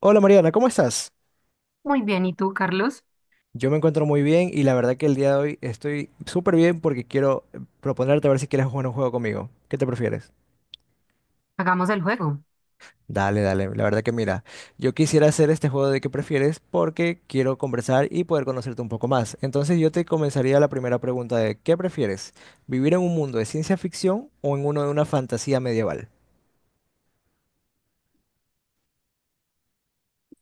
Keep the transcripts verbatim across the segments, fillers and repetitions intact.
Hola Mariana, ¿cómo estás? Muy bien, ¿y tú, Carlos? Yo me encuentro muy bien y la verdad que el día de hoy estoy súper bien porque quiero eh, proponerte a ver si quieres jugar un juego conmigo. ¿Qué te prefieres? Hagamos el juego. Dale, dale, la verdad que mira, yo quisiera hacer este juego de qué prefieres porque quiero conversar y poder conocerte un poco más. Entonces yo te comenzaría la primera pregunta de ¿qué prefieres? ¿Vivir en un mundo de ciencia ficción o en uno de una fantasía medieval?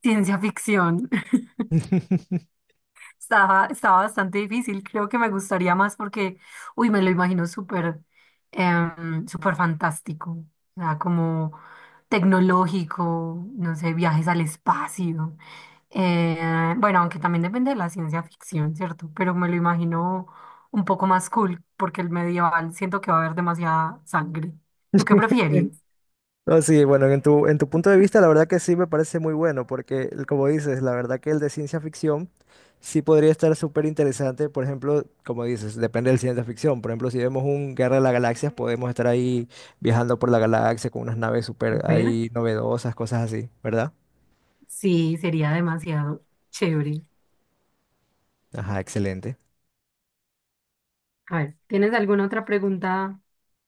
Ciencia ficción. Estaba, estaba bastante difícil. Creo que me gustaría más porque, uy, me lo imagino súper, em, súper fantástico. O sea, como tecnológico, no sé, viajes al espacio. Eh, bueno, aunque también depende de la ciencia ficción, ¿cierto? Pero me lo imagino un poco más cool porque el medieval siento que va a haber demasiada sangre. ¿Tú qué prefieres? No, sí, bueno, en tu, en tu punto de vista, la verdad que sí me parece muy bueno, porque el- como dices, la verdad que el de ciencia ficción sí podría estar súper interesante. Por ejemplo, como dices, depende del ciencia ficción. Por ejemplo, si vemos un Guerra de las Galaxias, podemos estar ahí viajando por la galaxia con unas naves súper Súper. ahí novedosas, cosas así, ¿verdad? Sí, sería demasiado chévere. Ajá, excelente. A ver, ¿tienes alguna otra pregunta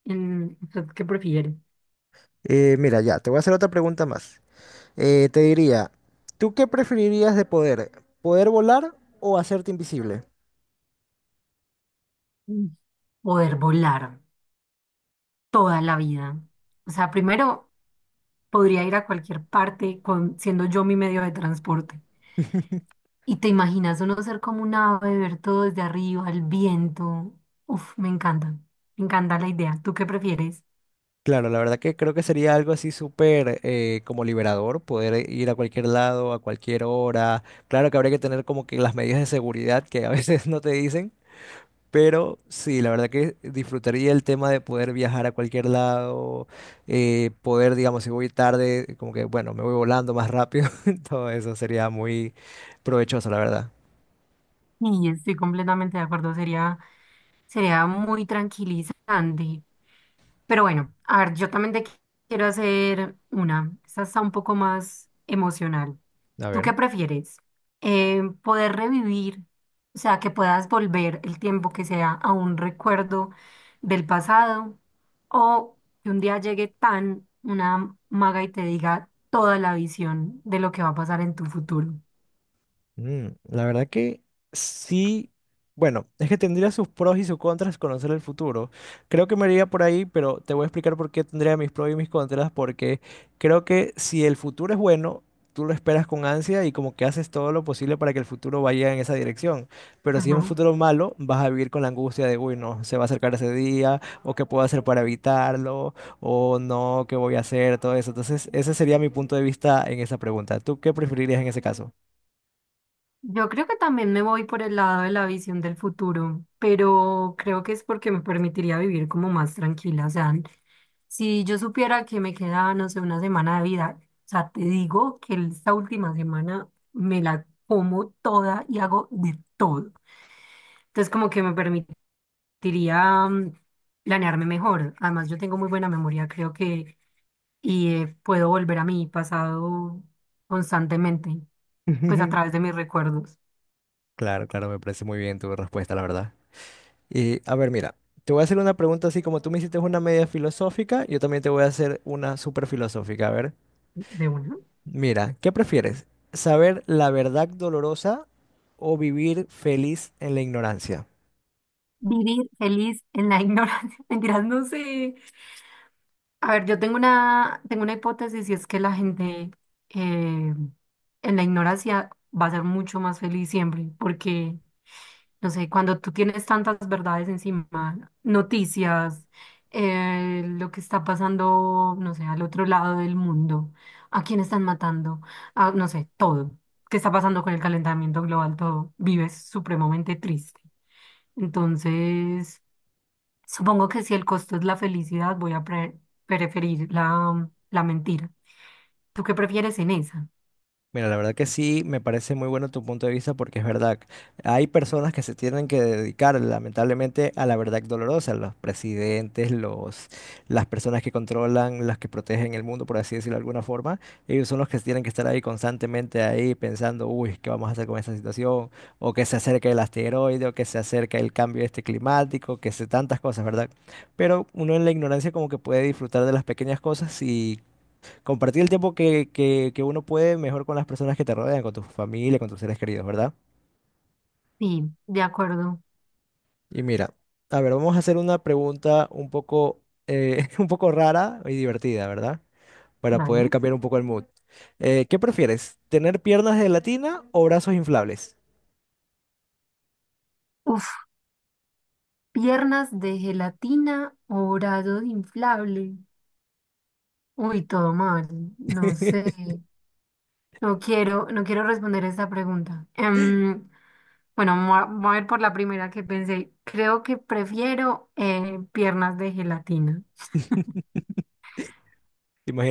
en qué prefieres? Eh, mira, ya, te voy a hacer otra pregunta más. Eh, te diría, ¿tú qué preferirías de poder? ¿Poder volar o hacerte invisible? Mm. Poder volar toda la vida. O sea, primero podría ir a cualquier parte con, siendo yo mi medio de transporte. Y te imaginas uno ser como un ave, ver todo desde arriba, el viento. Uf, me encanta. Me encanta la idea. ¿Tú qué prefieres? Claro, la verdad que creo que sería algo así súper eh, como liberador, poder ir a cualquier lado, a cualquier hora. Claro que habría que tener como que las medidas de seguridad que a veces no te dicen, pero sí, la verdad que disfrutaría el tema de poder viajar a cualquier lado, eh, poder, digamos, si voy tarde, como que, bueno, me voy volando más rápido. Todo eso sería muy provechoso, la verdad. Y estoy completamente de acuerdo. Sería, sería muy tranquilizante. Pero bueno, a ver, yo también te qui- quiero hacer una. Esta está un poco más emocional. A ¿Tú qué ver. prefieres? Eh, ¿poder revivir, o sea, que puedas volver el tiempo que sea a un recuerdo del pasado? ¿O que un día llegue tan una maga y te diga toda la visión de lo que va a pasar en tu futuro? Mm, la verdad que sí, bueno, es que tendría sus pros y sus contras conocer el futuro. Creo que me iría por ahí, pero te voy a explicar por qué tendría mis pros y mis contras, porque creo que si el futuro es bueno, tú lo esperas con ansia y como que haces todo lo posible para que el futuro vaya en esa dirección. Pero si es un futuro malo, vas a vivir con la angustia de, uy, no, se va a acercar ese día, o qué puedo hacer para evitarlo, o no, qué voy a hacer, todo eso. Entonces, ese sería mi punto de vista en esa pregunta. ¿Tú qué preferirías en ese caso? Yo creo que también me voy por el lado de la visión del futuro, pero creo que es porque me permitiría vivir como más tranquila. O sea, si yo supiera que me queda, no sé, una semana de vida, o sea, te digo que esta última semana me la como toda y hago de todo. Entonces, como que me permitiría mm, planearme mejor. Además, yo tengo muy buena memoria, creo que, y eh, puedo volver a mi pasado constantemente, pues a través de mis recuerdos Claro, claro, me parece muy bien tu respuesta, la verdad. Y a ver, mira, te voy a hacer una pregunta así como tú me hiciste una media filosófica, yo también te voy a hacer una súper filosófica. A ver, de uno. mira, ¿qué prefieres? ¿Saber la verdad dolorosa o vivir feliz en la ignorancia? Vivir feliz en la ignorancia. Mentiras, no sé. A ver, yo tengo una, tengo una hipótesis y es que la gente eh, en la ignorancia va a ser mucho más feliz siempre, porque, no sé, cuando tú tienes tantas verdades encima, noticias, eh, lo que está pasando, no sé, al otro lado del mundo, a quién están matando, a, no sé, todo, qué está pasando con el calentamiento global, todo, vives supremamente triste. Entonces, supongo que si el costo es la felicidad, voy a pre- preferir la, la mentira. ¿Tú qué prefieres en esa? Mira, la verdad que sí, me parece muy bueno tu punto de vista porque es verdad, hay personas que se tienen que dedicar lamentablemente a la verdad dolorosa, los presidentes, los, las personas que controlan, las que protegen el mundo, por así decirlo de alguna forma, ellos son los que tienen que estar ahí constantemente ahí pensando, uy, ¿qué vamos a hacer con esta situación? O que se acerca el asteroide, o que se acerca el cambio este climático, que se tantas cosas, ¿verdad? Pero uno en la ignorancia como que puede disfrutar de las pequeñas cosas y compartir el tiempo que, que, que uno puede mejor con las personas que te rodean, con tu familia, con tus seres queridos, ¿verdad? Sí, de acuerdo. Y mira, a ver, vamos a hacer una pregunta un poco, eh, un poco rara y divertida, ¿verdad? Para poder Dale. cambiar un poco el mood. Eh, ¿qué prefieres? ¿Tener piernas de gelatina o brazos inflables? Uf, piernas de gelatina o brazos inflable. Uy, todo mal. No sé. ¿Te No quiero, no quiero responder esta pregunta. Em, bueno, me voy a me voy a ir por la primera que pensé. Creo que prefiero eh, piernas de gelatina.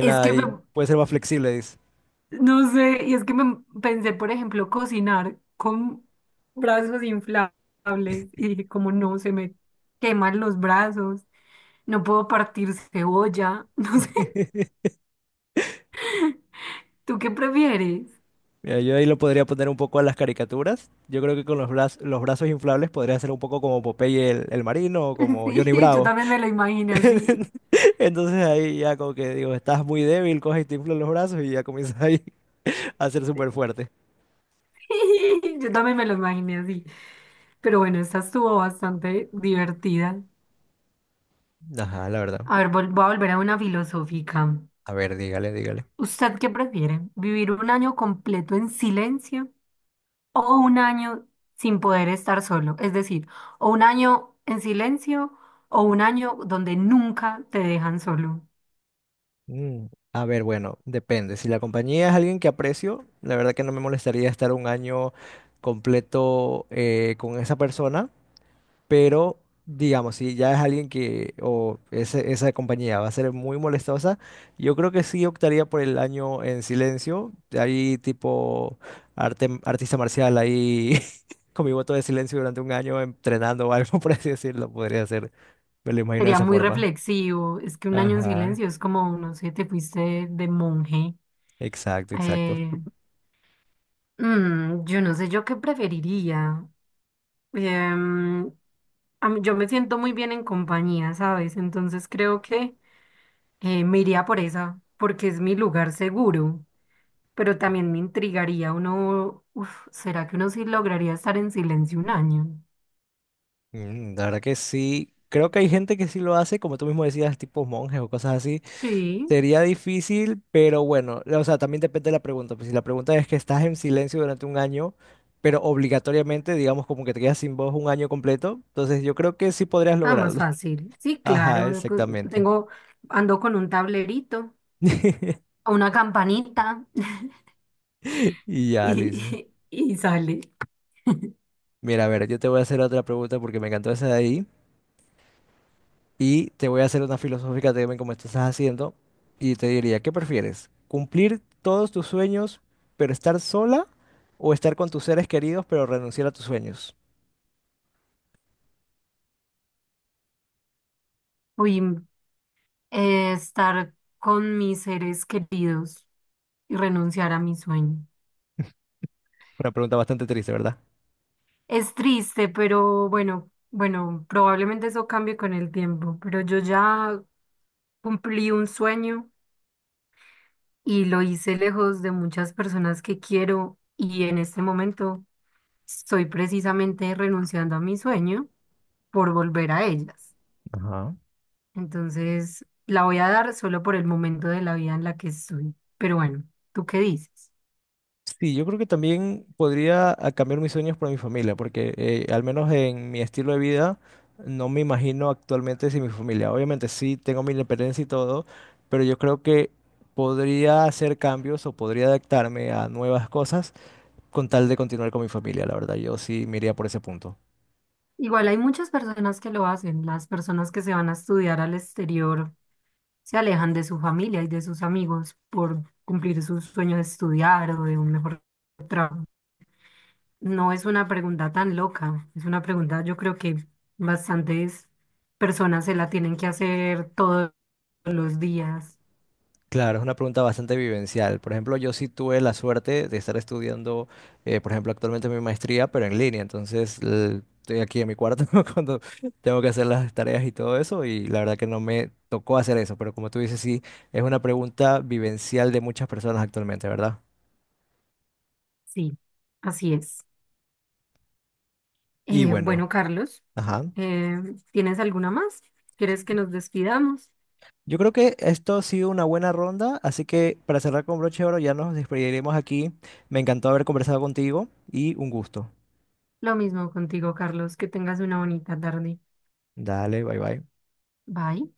Es que me- ahí? Puede ser más flexible, dice. No sé, y es que me pensé, por ejemplo, cocinar con brazos inflables y dije, como no, se me queman los brazos, no puedo partir cebolla, no sé, ¿tú qué prefieres? Mira, yo ahí lo podría poner un poco a las caricaturas. Yo creo que con los, braz- los brazos inflables podría ser un poco como Popeye el, el marino o como Johnny Sí, yo Bravo. también me lo imaginé así. Entonces ahí ya como que digo, estás muy débil, coges y te inflas los brazos y ya comienzas ahí a ser súper fuerte. Yo también me lo imaginé así. Pero bueno, esta estuvo bastante divertida. Ajá, la verdad. A ver, vol- voy a volver a una filosófica. A ver, dígale, dígale. ¿Usted qué prefiere? ¿Vivir un año completo en silencio, o un año sin poder estar solo? Es decir, o un año en silencio o un año donde nunca te dejan solo. Mm, a ver, bueno, depende. Si la compañía es alguien que aprecio, la verdad que no me molestaría estar un año completo eh, con esa persona. Pero, digamos, si ya es alguien que, o ese- esa compañía va a ser muy molestosa, yo creo que sí optaría por el año en silencio. Ahí tipo arte, artista marcial ahí con mi voto de silencio durante un año entrenando o algo, por así decirlo, podría hacer. Me lo imagino de Sería esa muy forma. reflexivo, es que un año en Ajá, silencio es como, no sé, te fuiste de monje. exacto, exacto. Eh, mm, yo no sé, yo qué preferiría. Em, a mí- yo me siento muy bien en compañía, ¿sabes? Entonces creo que eh, me iría por esa, porque es mi lugar seguro. Pero también me intrigaría uno, uf, ¿será que uno sí lograría estar en silencio un año? Mm, la verdad que sí. Creo que hay gente que sí lo hace, como tú mismo decías, tipo monjes o cosas así. Sí, Sería difícil, pero bueno, o sea, también depende de la pregunta. Pues si la pregunta es que estás en silencio durante un año, pero obligatoriamente, digamos, como que te quedas sin voz un año completo, entonces yo creo que sí podrías ah, más lograrlo. fácil. Sí, Ajá, claro, cu- exactamente. tengo, ando con un tablerito, una campanita Y ya, Liz. y, y sale. Mira, a ver, yo te voy a hacer otra pregunta porque me encantó esa de ahí. Y te voy a hacer una filosófica también como tú estás haciendo. Y te diría, ¿qué prefieres? ¿Cumplir todos tus sueños, pero estar sola? ¿O estar con tus seres queridos, pero renunciar a tus sueños? Uy, eh, estar con mis seres queridos y renunciar a mi sueño. Una pregunta bastante triste, ¿verdad? Es triste, pero bueno, bueno, probablemente eso cambie con el tiempo, pero yo ya cumplí un sueño, y lo hice lejos de muchas personas que quiero y en este momento estoy precisamente renunciando a mi sueño por volver a ellas. Ajá. Entonces, la voy a dar solo por el momento de la vida en la que estoy. Pero bueno, ¿tú qué dices? Sí, yo creo que también podría ah, cambiar mis sueños por mi familia, porque eh, al menos en mi estilo de vida no me imagino actualmente sin mi familia. Obviamente sí tengo mi independencia y todo, pero yo creo que podría hacer cambios o podría adaptarme a nuevas cosas con tal de continuar con mi familia, la verdad. Yo sí me iría por ese punto. Igual hay muchas personas que lo hacen. Las personas que se van a estudiar al exterior se alejan de su familia y de sus amigos por cumplir sus sueños de estudiar o de un mejor trabajo. No es una pregunta tan loca, es una pregunta yo creo que bastantes personas se la tienen que hacer todos los días. Claro, es una pregunta bastante vivencial. Por ejemplo, yo sí tuve la suerte de estar estudiando, eh, por ejemplo, actualmente mi maestría, pero en línea. Entonces, l- estoy aquí en mi cuarto cuando tengo que hacer las tareas y todo eso, y la verdad que no me tocó hacer eso. Pero como tú dices, sí, es una pregunta vivencial de muchas personas actualmente, ¿verdad? Sí, así es. Y Eh, bueno, Bueno, Carlos, ajá. eh, ¿tienes alguna más? ¿Quieres que nos despidamos? Yo creo que esto ha sido una buena ronda, así que para cerrar con broche de oro ya nos despediremos aquí. Me encantó haber conversado contigo y un gusto. Lo mismo contigo, Carlos, que tengas una bonita tarde. Dale, bye bye. Bye.